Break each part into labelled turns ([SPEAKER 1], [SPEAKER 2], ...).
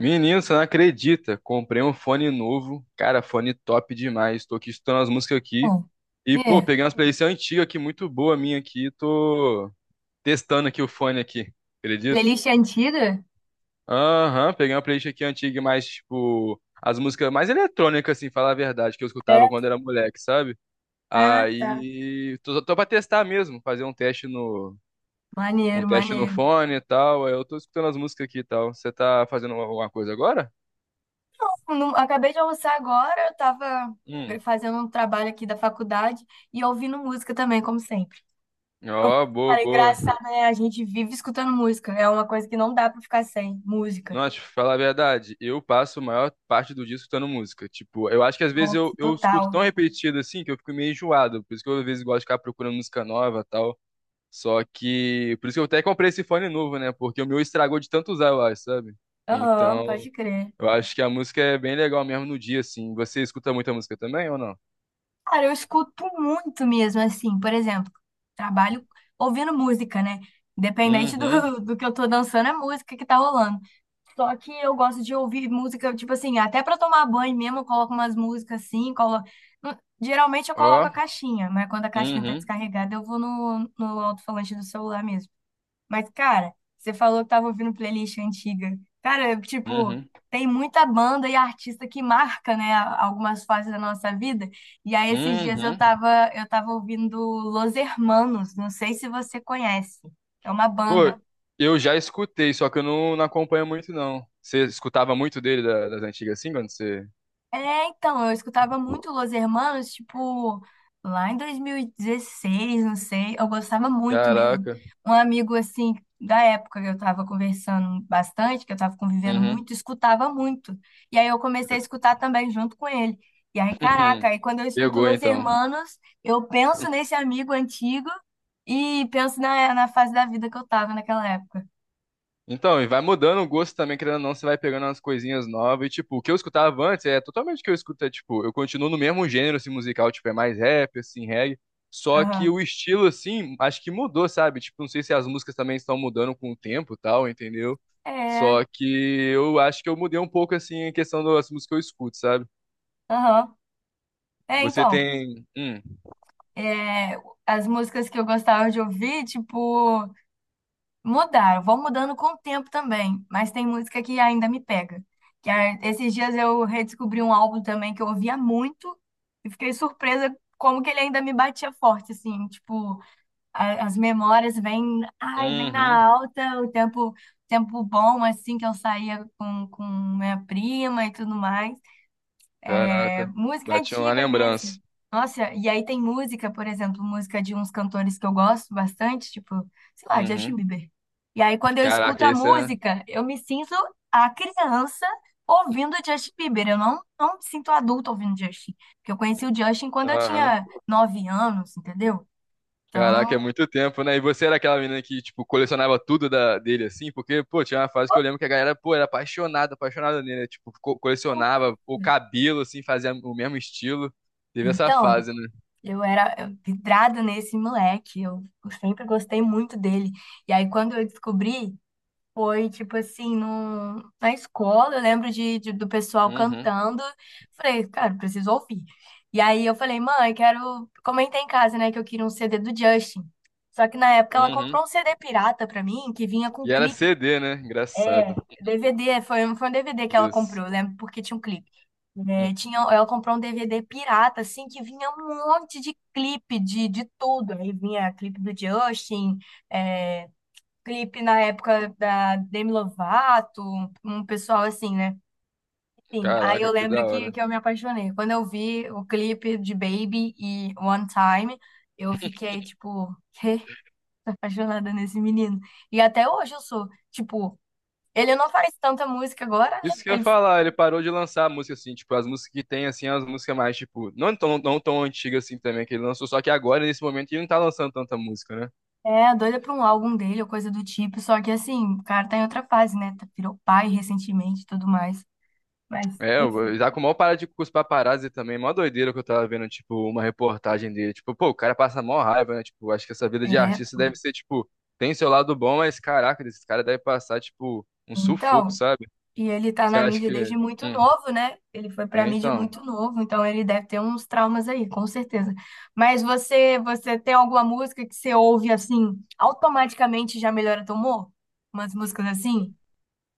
[SPEAKER 1] Menino, você não acredita? Comprei um fone novo. Cara, fone top demais. Tô aqui escutando as músicas aqui.
[SPEAKER 2] Bom.
[SPEAKER 1] E, pô,
[SPEAKER 2] É.
[SPEAKER 1] peguei umas playlists antigas aqui, muito boa minha aqui. Tô testando aqui o fone aqui. Acredita?
[SPEAKER 2] Playlist antiga?
[SPEAKER 1] Aham, peguei uma playlist aqui antiga, mais, tipo, as músicas mais eletrônicas, assim, falar a verdade, que eu escutava
[SPEAKER 2] É.
[SPEAKER 1] quando era moleque, sabe?
[SPEAKER 2] Ah, tá.
[SPEAKER 1] Aí, tô pra testar mesmo, fazer um
[SPEAKER 2] Maneiro,
[SPEAKER 1] teste no
[SPEAKER 2] maneiro.
[SPEAKER 1] fone e tal. Aí eu tô escutando as músicas aqui e tal. Você tá fazendo alguma coisa agora?
[SPEAKER 2] Acabei de almoçar agora, eu tava
[SPEAKER 1] Hum.
[SPEAKER 2] fazendo um trabalho aqui da faculdade e ouvindo música também, como sempre. Eu,
[SPEAKER 1] Ó, boa,
[SPEAKER 2] cara, é
[SPEAKER 1] boa.
[SPEAKER 2] engraçado, né? A gente vive escutando música, é uma coisa que não dá pra ficar sem música.
[SPEAKER 1] Nossa, te falar a verdade, eu passo a maior parte do dia escutando música. Tipo, eu acho que às vezes
[SPEAKER 2] Nossa,
[SPEAKER 1] eu escuto
[SPEAKER 2] total.
[SPEAKER 1] tão repetido assim que eu fico meio enjoado. Por isso que eu às vezes gosto de ficar procurando música nova e tal. Só que. Por isso que eu até comprei esse fone novo, né? Porque o meu estragou de tanto usar, eu acho, sabe?
[SPEAKER 2] Aham,
[SPEAKER 1] Então,
[SPEAKER 2] pode crer.
[SPEAKER 1] eu acho que a música é bem legal mesmo no dia, assim. Você escuta muita música também ou não?
[SPEAKER 2] Cara, eu escuto muito mesmo, assim, por exemplo, trabalho ouvindo música, né? Independente
[SPEAKER 1] Uhum.
[SPEAKER 2] do que eu tô dançando, é música que tá rolando. Só que eu gosto de ouvir música, tipo assim, até pra tomar banho mesmo, eu coloco umas músicas assim. Hum, Geralmente eu
[SPEAKER 1] Ó.
[SPEAKER 2] coloco a caixinha, mas quando a caixinha tá
[SPEAKER 1] Uhum.
[SPEAKER 2] descarregada, eu vou no alto-falante do celular mesmo. Mas, cara, você falou que tava ouvindo playlist antiga. Cara, eu, tipo,
[SPEAKER 1] Uhum.
[SPEAKER 2] tem muita banda e artista que marca, né, algumas fases da nossa vida. E aí, esses dias eu
[SPEAKER 1] Uhum.
[SPEAKER 2] tava, eu tava ouvindo Los Hermanos, não sei se você conhece. É uma
[SPEAKER 1] Pô,
[SPEAKER 2] banda.
[SPEAKER 1] eu já escutei, só que eu não acompanho muito, não. Você escutava muito dele da- das antigas assim, quando você.
[SPEAKER 2] É, então, eu escutava muito Los Hermanos, tipo, lá em 2016, não sei, eu gostava muito mesmo.
[SPEAKER 1] Caraca.
[SPEAKER 2] Um amigo, assim, da época que eu tava conversando bastante, que eu tava convivendo
[SPEAKER 1] Uhum.
[SPEAKER 2] muito, escutava muito. E aí eu comecei a escutar também junto com ele. E aí, caraca, aí quando eu escuto
[SPEAKER 1] Pegou
[SPEAKER 2] Los
[SPEAKER 1] então.
[SPEAKER 2] Hermanos, eu penso nesse amigo antigo e penso na fase da vida que eu tava naquela época.
[SPEAKER 1] Então, e vai mudando o gosto também, querendo ou não, você vai pegando umas coisinhas novas. E, tipo, o que eu escutava antes é totalmente o que eu escuto. É, tipo, eu continuo no mesmo gênero, assim, musical, tipo, é mais rap, assim, reggae. Só que o
[SPEAKER 2] Aham.
[SPEAKER 1] estilo, assim, acho que mudou, sabe? Tipo, não sei se as músicas também estão mudando com o tempo e tal, entendeu?
[SPEAKER 2] É,
[SPEAKER 1] Só que eu acho que eu mudei um pouco, assim, em questão das músicas que eu escuto, sabe?
[SPEAKER 2] aham. É,
[SPEAKER 1] Você
[SPEAKER 2] então.
[SPEAKER 1] tem.
[SPEAKER 2] é, As músicas que eu gostava de ouvir, tipo, mudaram, vão mudando com o tempo também, mas tem música que ainda me pega. Que esses dias eu redescobri um álbum também que eu ouvia muito e fiquei surpresa como que ele ainda me batia forte, assim, tipo, as memórias vêm, ai, vem na
[SPEAKER 1] Uhum,
[SPEAKER 2] alta, o tempo, tempo bom, assim, que eu saía com minha prima e tudo mais. É
[SPEAKER 1] caraca.
[SPEAKER 2] música
[SPEAKER 1] Bati uma
[SPEAKER 2] antiga mesmo.
[SPEAKER 1] lembrança.
[SPEAKER 2] Nossa, e aí tem música, por exemplo, música de uns cantores que eu gosto bastante, tipo, sei lá, Justin
[SPEAKER 1] Uhum.
[SPEAKER 2] Bieber. E aí quando eu escuto
[SPEAKER 1] Caraca,
[SPEAKER 2] a
[SPEAKER 1] esse é.
[SPEAKER 2] música, eu me sinto a criança ouvindo Justin Bieber. Eu não me sinto adulta ouvindo Justin, porque eu conheci o Justin quando eu
[SPEAKER 1] Aham.
[SPEAKER 2] tinha 9 anos, entendeu?
[SPEAKER 1] Caraca, é
[SPEAKER 2] Então,
[SPEAKER 1] muito tempo, né? E você era aquela menina que, tipo, colecionava tudo da, dele, assim? Porque, pô, tinha uma fase que eu lembro que a galera, pô, era apaixonada, apaixonada nele, né? Tipo, co- colecionava o cabelo, assim, fazia o mesmo estilo. Teve essa
[SPEAKER 2] então,
[SPEAKER 1] fase, né?
[SPEAKER 2] eu era vidrada nesse moleque, eu sempre gostei muito dele. E aí, quando eu descobri, foi, tipo assim, na escola, eu lembro de, do pessoal
[SPEAKER 1] Uhum,
[SPEAKER 2] cantando. Falei, cara, preciso ouvir. E aí eu falei, mãe, quero. Comentei em casa, né, que eu queria um CD do Justin. Só que na época ela
[SPEAKER 1] uhum.
[SPEAKER 2] comprou um CD pirata pra mim, que vinha com
[SPEAKER 1] E era
[SPEAKER 2] clipe.
[SPEAKER 1] CD, né? Engraçado.
[SPEAKER 2] É, DVD, foi um DVD que ela
[SPEAKER 1] Isso.
[SPEAKER 2] comprou, eu lembro, porque tinha um clipe. É,
[SPEAKER 1] Hum,
[SPEAKER 2] tinha, ela comprou um DVD pirata, assim, que vinha um monte de clipe de tudo. Aí vinha clipe do Justin. é, Clipe na época da Demi Lovato, um pessoal assim, né? Enfim, aí eu
[SPEAKER 1] caraca, que
[SPEAKER 2] lembro
[SPEAKER 1] da
[SPEAKER 2] que,
[SPEAKER 1] hora.
[SPEAKER 2] que eu me apaixonei. Quando eu vi o clipe de Baby e One Time, eu fiquei, tipo, "Quê? Tô apaixonada nesse menino. E até hoje eu sou, tipo, ele não faz tanta música agora, né?
[SPEAKER 1] Isso que eu ia
[SPEAKER 2] Ele
[SPEAKER 1] falar, ele parou de lançar música, assim, tipo, as músicas que tem, assim, as músicas mais, tipo, não tão antigas, assim, também, que ele lançou, só que agora, nesse momento, ele não tá lançando tanta música, né?
[SPEAKER 2] é doida pra um álbum dele ou coisa do tipo, só que assim, o cara tá em outra fase, né? Virou pai recentemente e tudo mais. Mas,
[SPEAKER 1] É, o
[SPEAKER 2] enfim,
[SPEAKER 1] Isaac mal para de curso paparazzi também, mó doideira que eu tava vendo, tipo, uma reportagem dele. Tipo, pô, o cara passa mó raiva, né? Tipo, acho que essa vida de
[SPEAKER 2] é.
[SPEAKER 1] artista deve ser, tipo, tem seu lado bom, mas caraca, esse cara deve passar, tipo, um sufoco,
[SPEAKER 2] Então.
[SPEAKER 1] sabe?
[SPEAKER 2] E ele tá
[SPEAKER 1] Você
[SPEAKER 2] na
[SPEAKER 1] acha
[SPEAKER 2] mídia desde
[SPEAKER 1] que.
[SPEAKER 2] muito
[SPEAKER 1] Hum,
[SPEAKER 2] novo, né? Ele foi pra
[SPEAKER 1] é,
[SPEAKER 2] mídia
[SPEAKER 1] então.
[SPEAKER 2] muito novo, então ele deve ter uns traumas aí, com certeza. Mas você tem alguma música que você ouve assim, automaticamente já melhora teu humor? Umas músicas assim?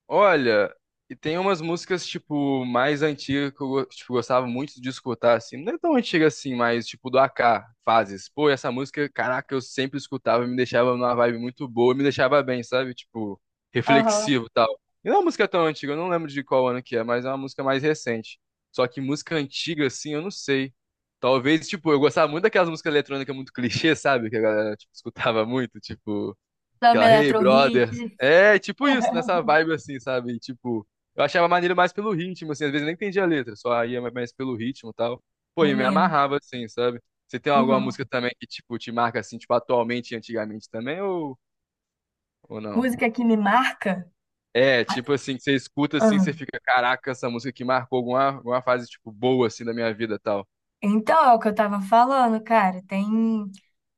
[SPEAKER 1] Olha, e tem umas músicas, tipo, mais antigas que eu go- tipo, gostava muito de escutar, assim. Não é tão antiga assim, mas, tipo, do AK, Fases. Pô, essa música, caraca, eu sempre escutava, me deixava numa vibe muito boa, me deixava bem, sabe? Tipo,
[SPEAKER 2] Aham.
[SPEAKER 1] reflexivo e tal. E não é uma música tão antiga, eu não lembro de qual ano que é, mas é uma música mais recente. Só que música antiga, assim, eu não sei. Talvez, tipo, eu gostava muito daquelas músicas eletrônicas muito clichê, sabe? Que a galera, tipo, escutava muito, tipo.
[SPEAKER 2] Samba
[SPEAKER 1] Aquela, hey,
[SPEAKER 2] Eletro Hit,
[SPEAKER 1] brother. É, tipo isso, nessa vibe assim, sabe? E, tipo, eu achava maneiro mais pelo ritmo, assim, às vezes eu nem entendia a letra, só ia mais pelo ritmo e tal. Pô, e me
[SPEAKER 2] maneiro.
[SPEAKER 1] amarrava, assim, sabe? Você tem alguma
[SPEAKER 2] Uhum.
[SPEAKER 1] música também que, tipo, te marca, assim, tipo, atualmente e antigamente também, ou não?
[SPEAKER 2] Música que me marca?
[SPEAKER 1] É, tipo assim, que você escuta, assim, você
[SPEAKER 2] Ah,
[SPEAKER 1] fica, caraca, essa música que marcou alguma fase, tipo, boa, assim, da minha vida e tal.
[SPEAKER 2] então, é o que eu tava falando, cara. Tem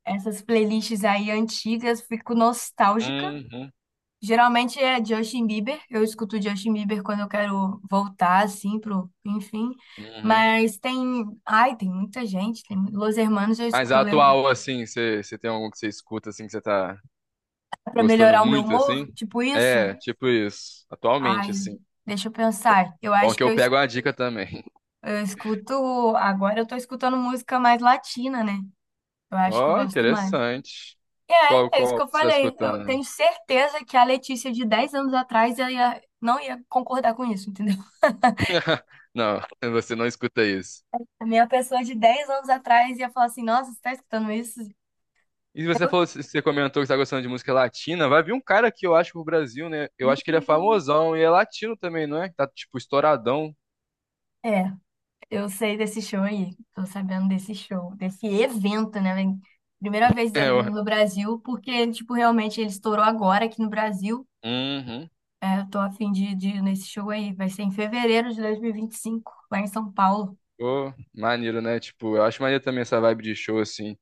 [SPEAKER 2] essas playlists aí antigas, fico nostálgica.
[SPEAKER 1] Uhum,
[SPEAKER 2] Geralmente é Justin Bieber. Eu escuto Justin Bieber quando eu quero voltar, assim, pro, enfim.
[SPEAKER 1] uhum.
[SPEAKER 2] Mas ai, tem muita gente. Tem Los Hermanos,
[SPEAKER 1] Mas a
[SPEAKER 2] eu lembro
[SPEAKER 1] atual, assim, você tem algum que você escuta, assim, que você tá,
[SPEAKER 2] pra
[SPEAKER 1] gostando
[SPEAKER 2] melhorar o meu
[SPEAKER 1] muito,
[SPEAKER 2] humor,
[SPEAKER 1] assim?
[SPEAKER 2] tipo isso.
[SPEAKER 1] É, tipo isso. Atualmente,
[SPEAKER 2] Ai,
[SPEAKER 1] assim.
[SPEAKER 2] deixa eu pensar. Eu
[SPEAKER 1] Bom
[SPEAKER 2] acho
[SPEAKER 1] que
[SPEAKER 2] que
[SPEAKER 1] eu pego a dica também.
[SPEAKER 2] eu escuto, agora eu tô escutando música mais latina, né? Eu acho que eu
[SPEAKER 1] Ó,
[SPEAKER 2] gosto mais.
[SPEAKER 1] interessante.
[SPEAKER 2] É isso
[SPEAKER 1] Qual
[SPEAKER 2] que
[SPEAKER 1] que
[SPEAKER 2] eu
[SPEAKER 1] você está
[SPEAKER 2] falei. Eu
[SPEAKER 1] escutando?
[SPEAKER 2] tenho certeza que a Letícia de 10 anos atrás ela não ia concordar com isso, entendeu?
[SPEAKER 1] Não, você não escuta isso.
[SPEAKER 2] A minha pessoa de 10 anos atrás ia falar assim: Nossa, você tá escutando isso?
[SPEAKER 1] E você
[SPEAKER 2] Eu...
[SPEAKER 1] falou, você comentou que está gostando de música latina. Vai vir um cara que eu acho pro Brasil, né? Eu
[SPEAKER 2] Ih,
[SPEAKER 1] acho que ele é famosão e é latino também, não é? Tá, tipo, estouradão.
[SPEAKER 2] é, eu sei desse show aí. Tô sabendo desse show, desse evento, né, velho? Primeira vez
[SPEAKER 1] É,
[SPEAKER 2] dele
[SPEAKER 1] eu...
[SPEAKER 2] vindo no Brasil, porque, tipo, realmente ele estourou agora aqui no Brasil.
[SPEAKER 1] Uhum.
[SPEAKER 2] É, eu tô a fim de ir nesse show aí. Vai ser em fevereiro de dois mil e vinte e cinco lá em São Paulo.
[SPEAKER 1] Pô, maneiro, né? Tipo, eu acho maneiro também essa vibe de show, assim.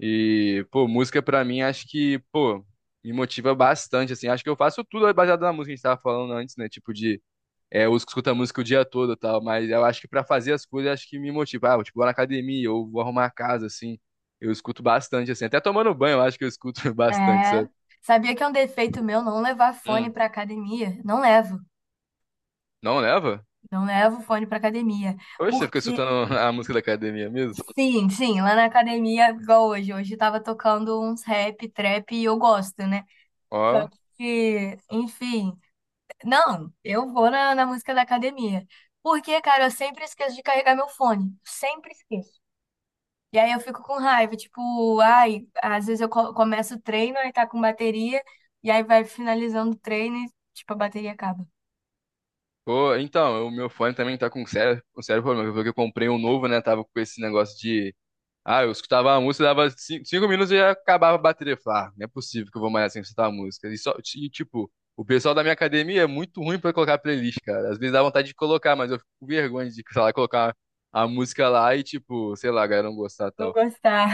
[SPEAKER 1] E, pô, música pra mim acho que, pô, me motiva bastante, assim. Acho que eu faço tudo baseado na música que a gente tava falando antes, né? Tipo de, é, eu escuto a música o dia todo e tal, mas eu acho que pra fazer as coisas, acho que me motiva. Ah, tipo, vou na academia ou vou arrumar a casa, assim. Eu escuto bastante, assim. Até tomando banho, eu acho que eu escuto bastante,
[SPEAKER 2] É,
[SPEAKER 1] sabe?
[SPEAKER 2] sabia que é um defeito meu não levar fone
[SPEAKER 1] Hum,
[SPEAKER 2] pra academia? Não levo.
[SPEAKER 1] não leva?
[SPEAKER 2] Não levo fone pra academia.
[SPEAKER 1] Oxe, você fica escutando
[SPEAKER 2] Porque
[SPEAKER 1] a música da academia mesmo?
[SPEAKER 2] sim, sim, lá na academia, igual hoje. Hoje tava tocando uns rap, trap e eu gosto, né? Só
[SPEAKER 1] Ó.
[SPEAKER 2] que, enfim, não, eu vou na música da academia. Porque, cara, eu sempre esqueço de carregar meu fone. Sempre esqueço. E aí eu fico com raiva, tipo, ai, às vezes eu começo o treino, aí tá com bateria, e aí vai finalizando o treino e, tipo, a bateria acaba.
[SPEAKER 1] Pô, então, o meu fone também tá com sério problema. Eu vi que eu comprei um novo, né? Tava com esse negócio de ah, eu escutava a música, dava cin- cinco, minutos e já acabava a bateria. Eu falava, ah, não é possível que eu vou mais sem escutar a música. E, só, e, tipo, o pessoal da minha academia é muito ruim pra colocar playlist, cara. Às vezes dá vontade de colocar, mas eu fico com vergonha de, sei lá, colocar a música lá e, tipo, sei lá, a galera não gostar e
[SPEAKER 2] Não
[SPEAKER 1] tal.
[SPEAKER 2] gostar.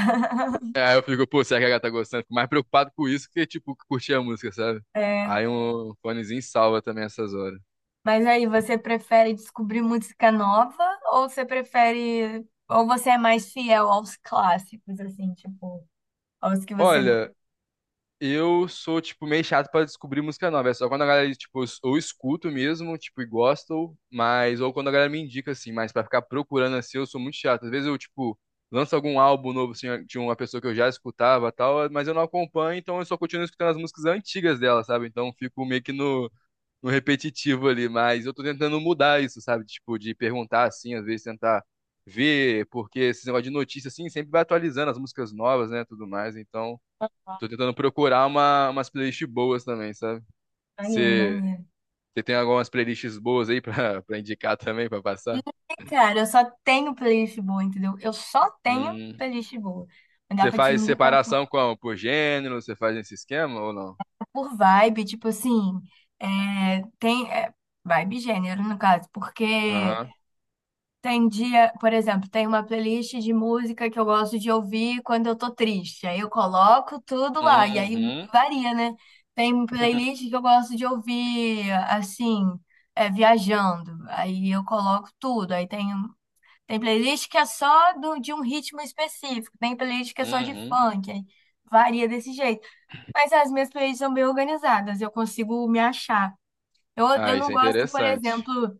[SPEAKER 1] Aí eu fico, pô, será que a galera tá gostando? Fico mais preocupado com isso que, tipo, curtir a música, sabe? Aí um fonezinho salva também essas horas.
[SPEAKER 2] Mas aí, você prefere descobrir música nova ou você prefere. Ou você é mais fiel aos clássicos, assim, tipo, aos que você gosta?
[SPEAKER 1] Olha, eu sou, tipo, meio chato pra descobrir música nova. É só quando a galera, tipo, eu s- ou escuto mesmo, tipo, e gosto, mas, ou quando a galera me indica, assim, mas pra ficar procurando assim, eu sou muito chato. Às vezes eu, tipo, lanço algum álbum novo, assim, de uma pessoa que eu já escutava e tal, mas eu não acompanho, então eu só continuo escutando as músicas antigas dela, sabe? Então eu fico meio que no repetitivo ali, mas eu tô tentando mudar isso, sabe? Tipo, de perguntar, assim, às vezes tentar ver, porque esse negócio de notícia, assim, sempre vai atualizando as músicas novas, né, tudo mais, então. Tô tentando procurar umas playlists boas também, sabe?
[SPEAKER 2] Maneiro,
[SPEAKER 1] Você
[SPEAKER 2] maneiro.
[SPEAKER 1] você tem algumas playlists boas aí pra, pra indicar também, pra passar?
[SPEAKER 2] E, cara, eu só tenho playlist boa, entendeu? Eu só tenho
[SPEAKER 1] Hum.
[SPEAKER 2] playlist boa. Não dá
[SPEAKER 1] Você
[SPEAKER 2] pra te
[SPEAKER 1] faz
[SPEAKER 2] indicar assim,
[SPEAKER 1] separação como? Por gênero? Você faz esse esquema ou não?
[SPEAKER 2] por vibe, tipo assim, é, tem. Vibe e gênero, no caso, porque.
[SPEAKER 1] Aham.
[SPEAKER 2] Tem dia, por exemplo, tem uma playlist de música que eu gosto de ouvir quando eu tô triste. Aí eu coloco tudo lá, e aí
[SPEAKER 1] Uhum.
[SPEAKER 2] varia, né? Tem playlist que eu gosto de ouvir, assim, viajando. Aí eu coloco tudo. Aí tem playlist que é só de um ritmo específico, tem playlist que é só de
[SPEAKER 1] Uhum.
[SPEAKER 2] funk. Aí varia desse jeito. Mas as minhas playlists são bem organizadas, eu consigo me achar. Eu,
[SPEAKER 1] Ah,
[SPEAKER 2] eu
[SPEAKER 1] isso
[SPEAKER 2] não
[SPEAKER 1] é
[SPEAKER 2] gosto, por
[SPEAKER 1] interessante.
[SPEAKER 2] exemplo.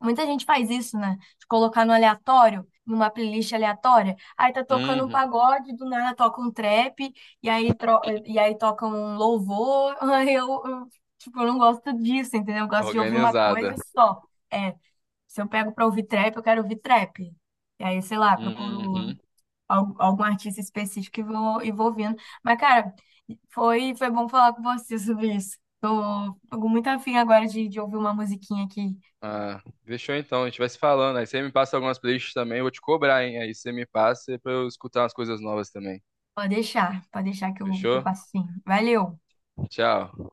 [SPEAKER 2] Muita gente faz isso, né? De colocar no aleatório, numa playlist aleatória. Aí tá tocando um
[SPEAKER 1] Uhum.
[SPEAKER 2] pagode, do nada toca um trap, e aí toca um louvor. Aí tipo, eu não gosto disso, entendeu? Eu gosto de ouvir uma
[SPEAKER 1] Organizada.
[SPEAKER 2] coisa só. É, se eu pego pra ouvir trap, eu quero ouvir trap. E aí, sei lá, procuro
[SPEAKER 1] Uhum.
[SPEAKER 2] algum artista específico e vou ouvindo. Mas, cara, foi bom falar com você sobre isso. Fico muito afim agora de ouvir uma musiquinha aqui.
[SPEAKER 1] Ah, deixou então, a gente vai se falando. Aí você me passa algumas playlists também, eu vou te cobrar, hein? Aí você me passa pra eu escutar umas coisas novas também.
[SPEAKER 2] Pode deixar que eu
[SPEAKER 1] Fechou?
[SPEAKER 2] passo sim. Valeu!
[SPEAKER 1] Tchau.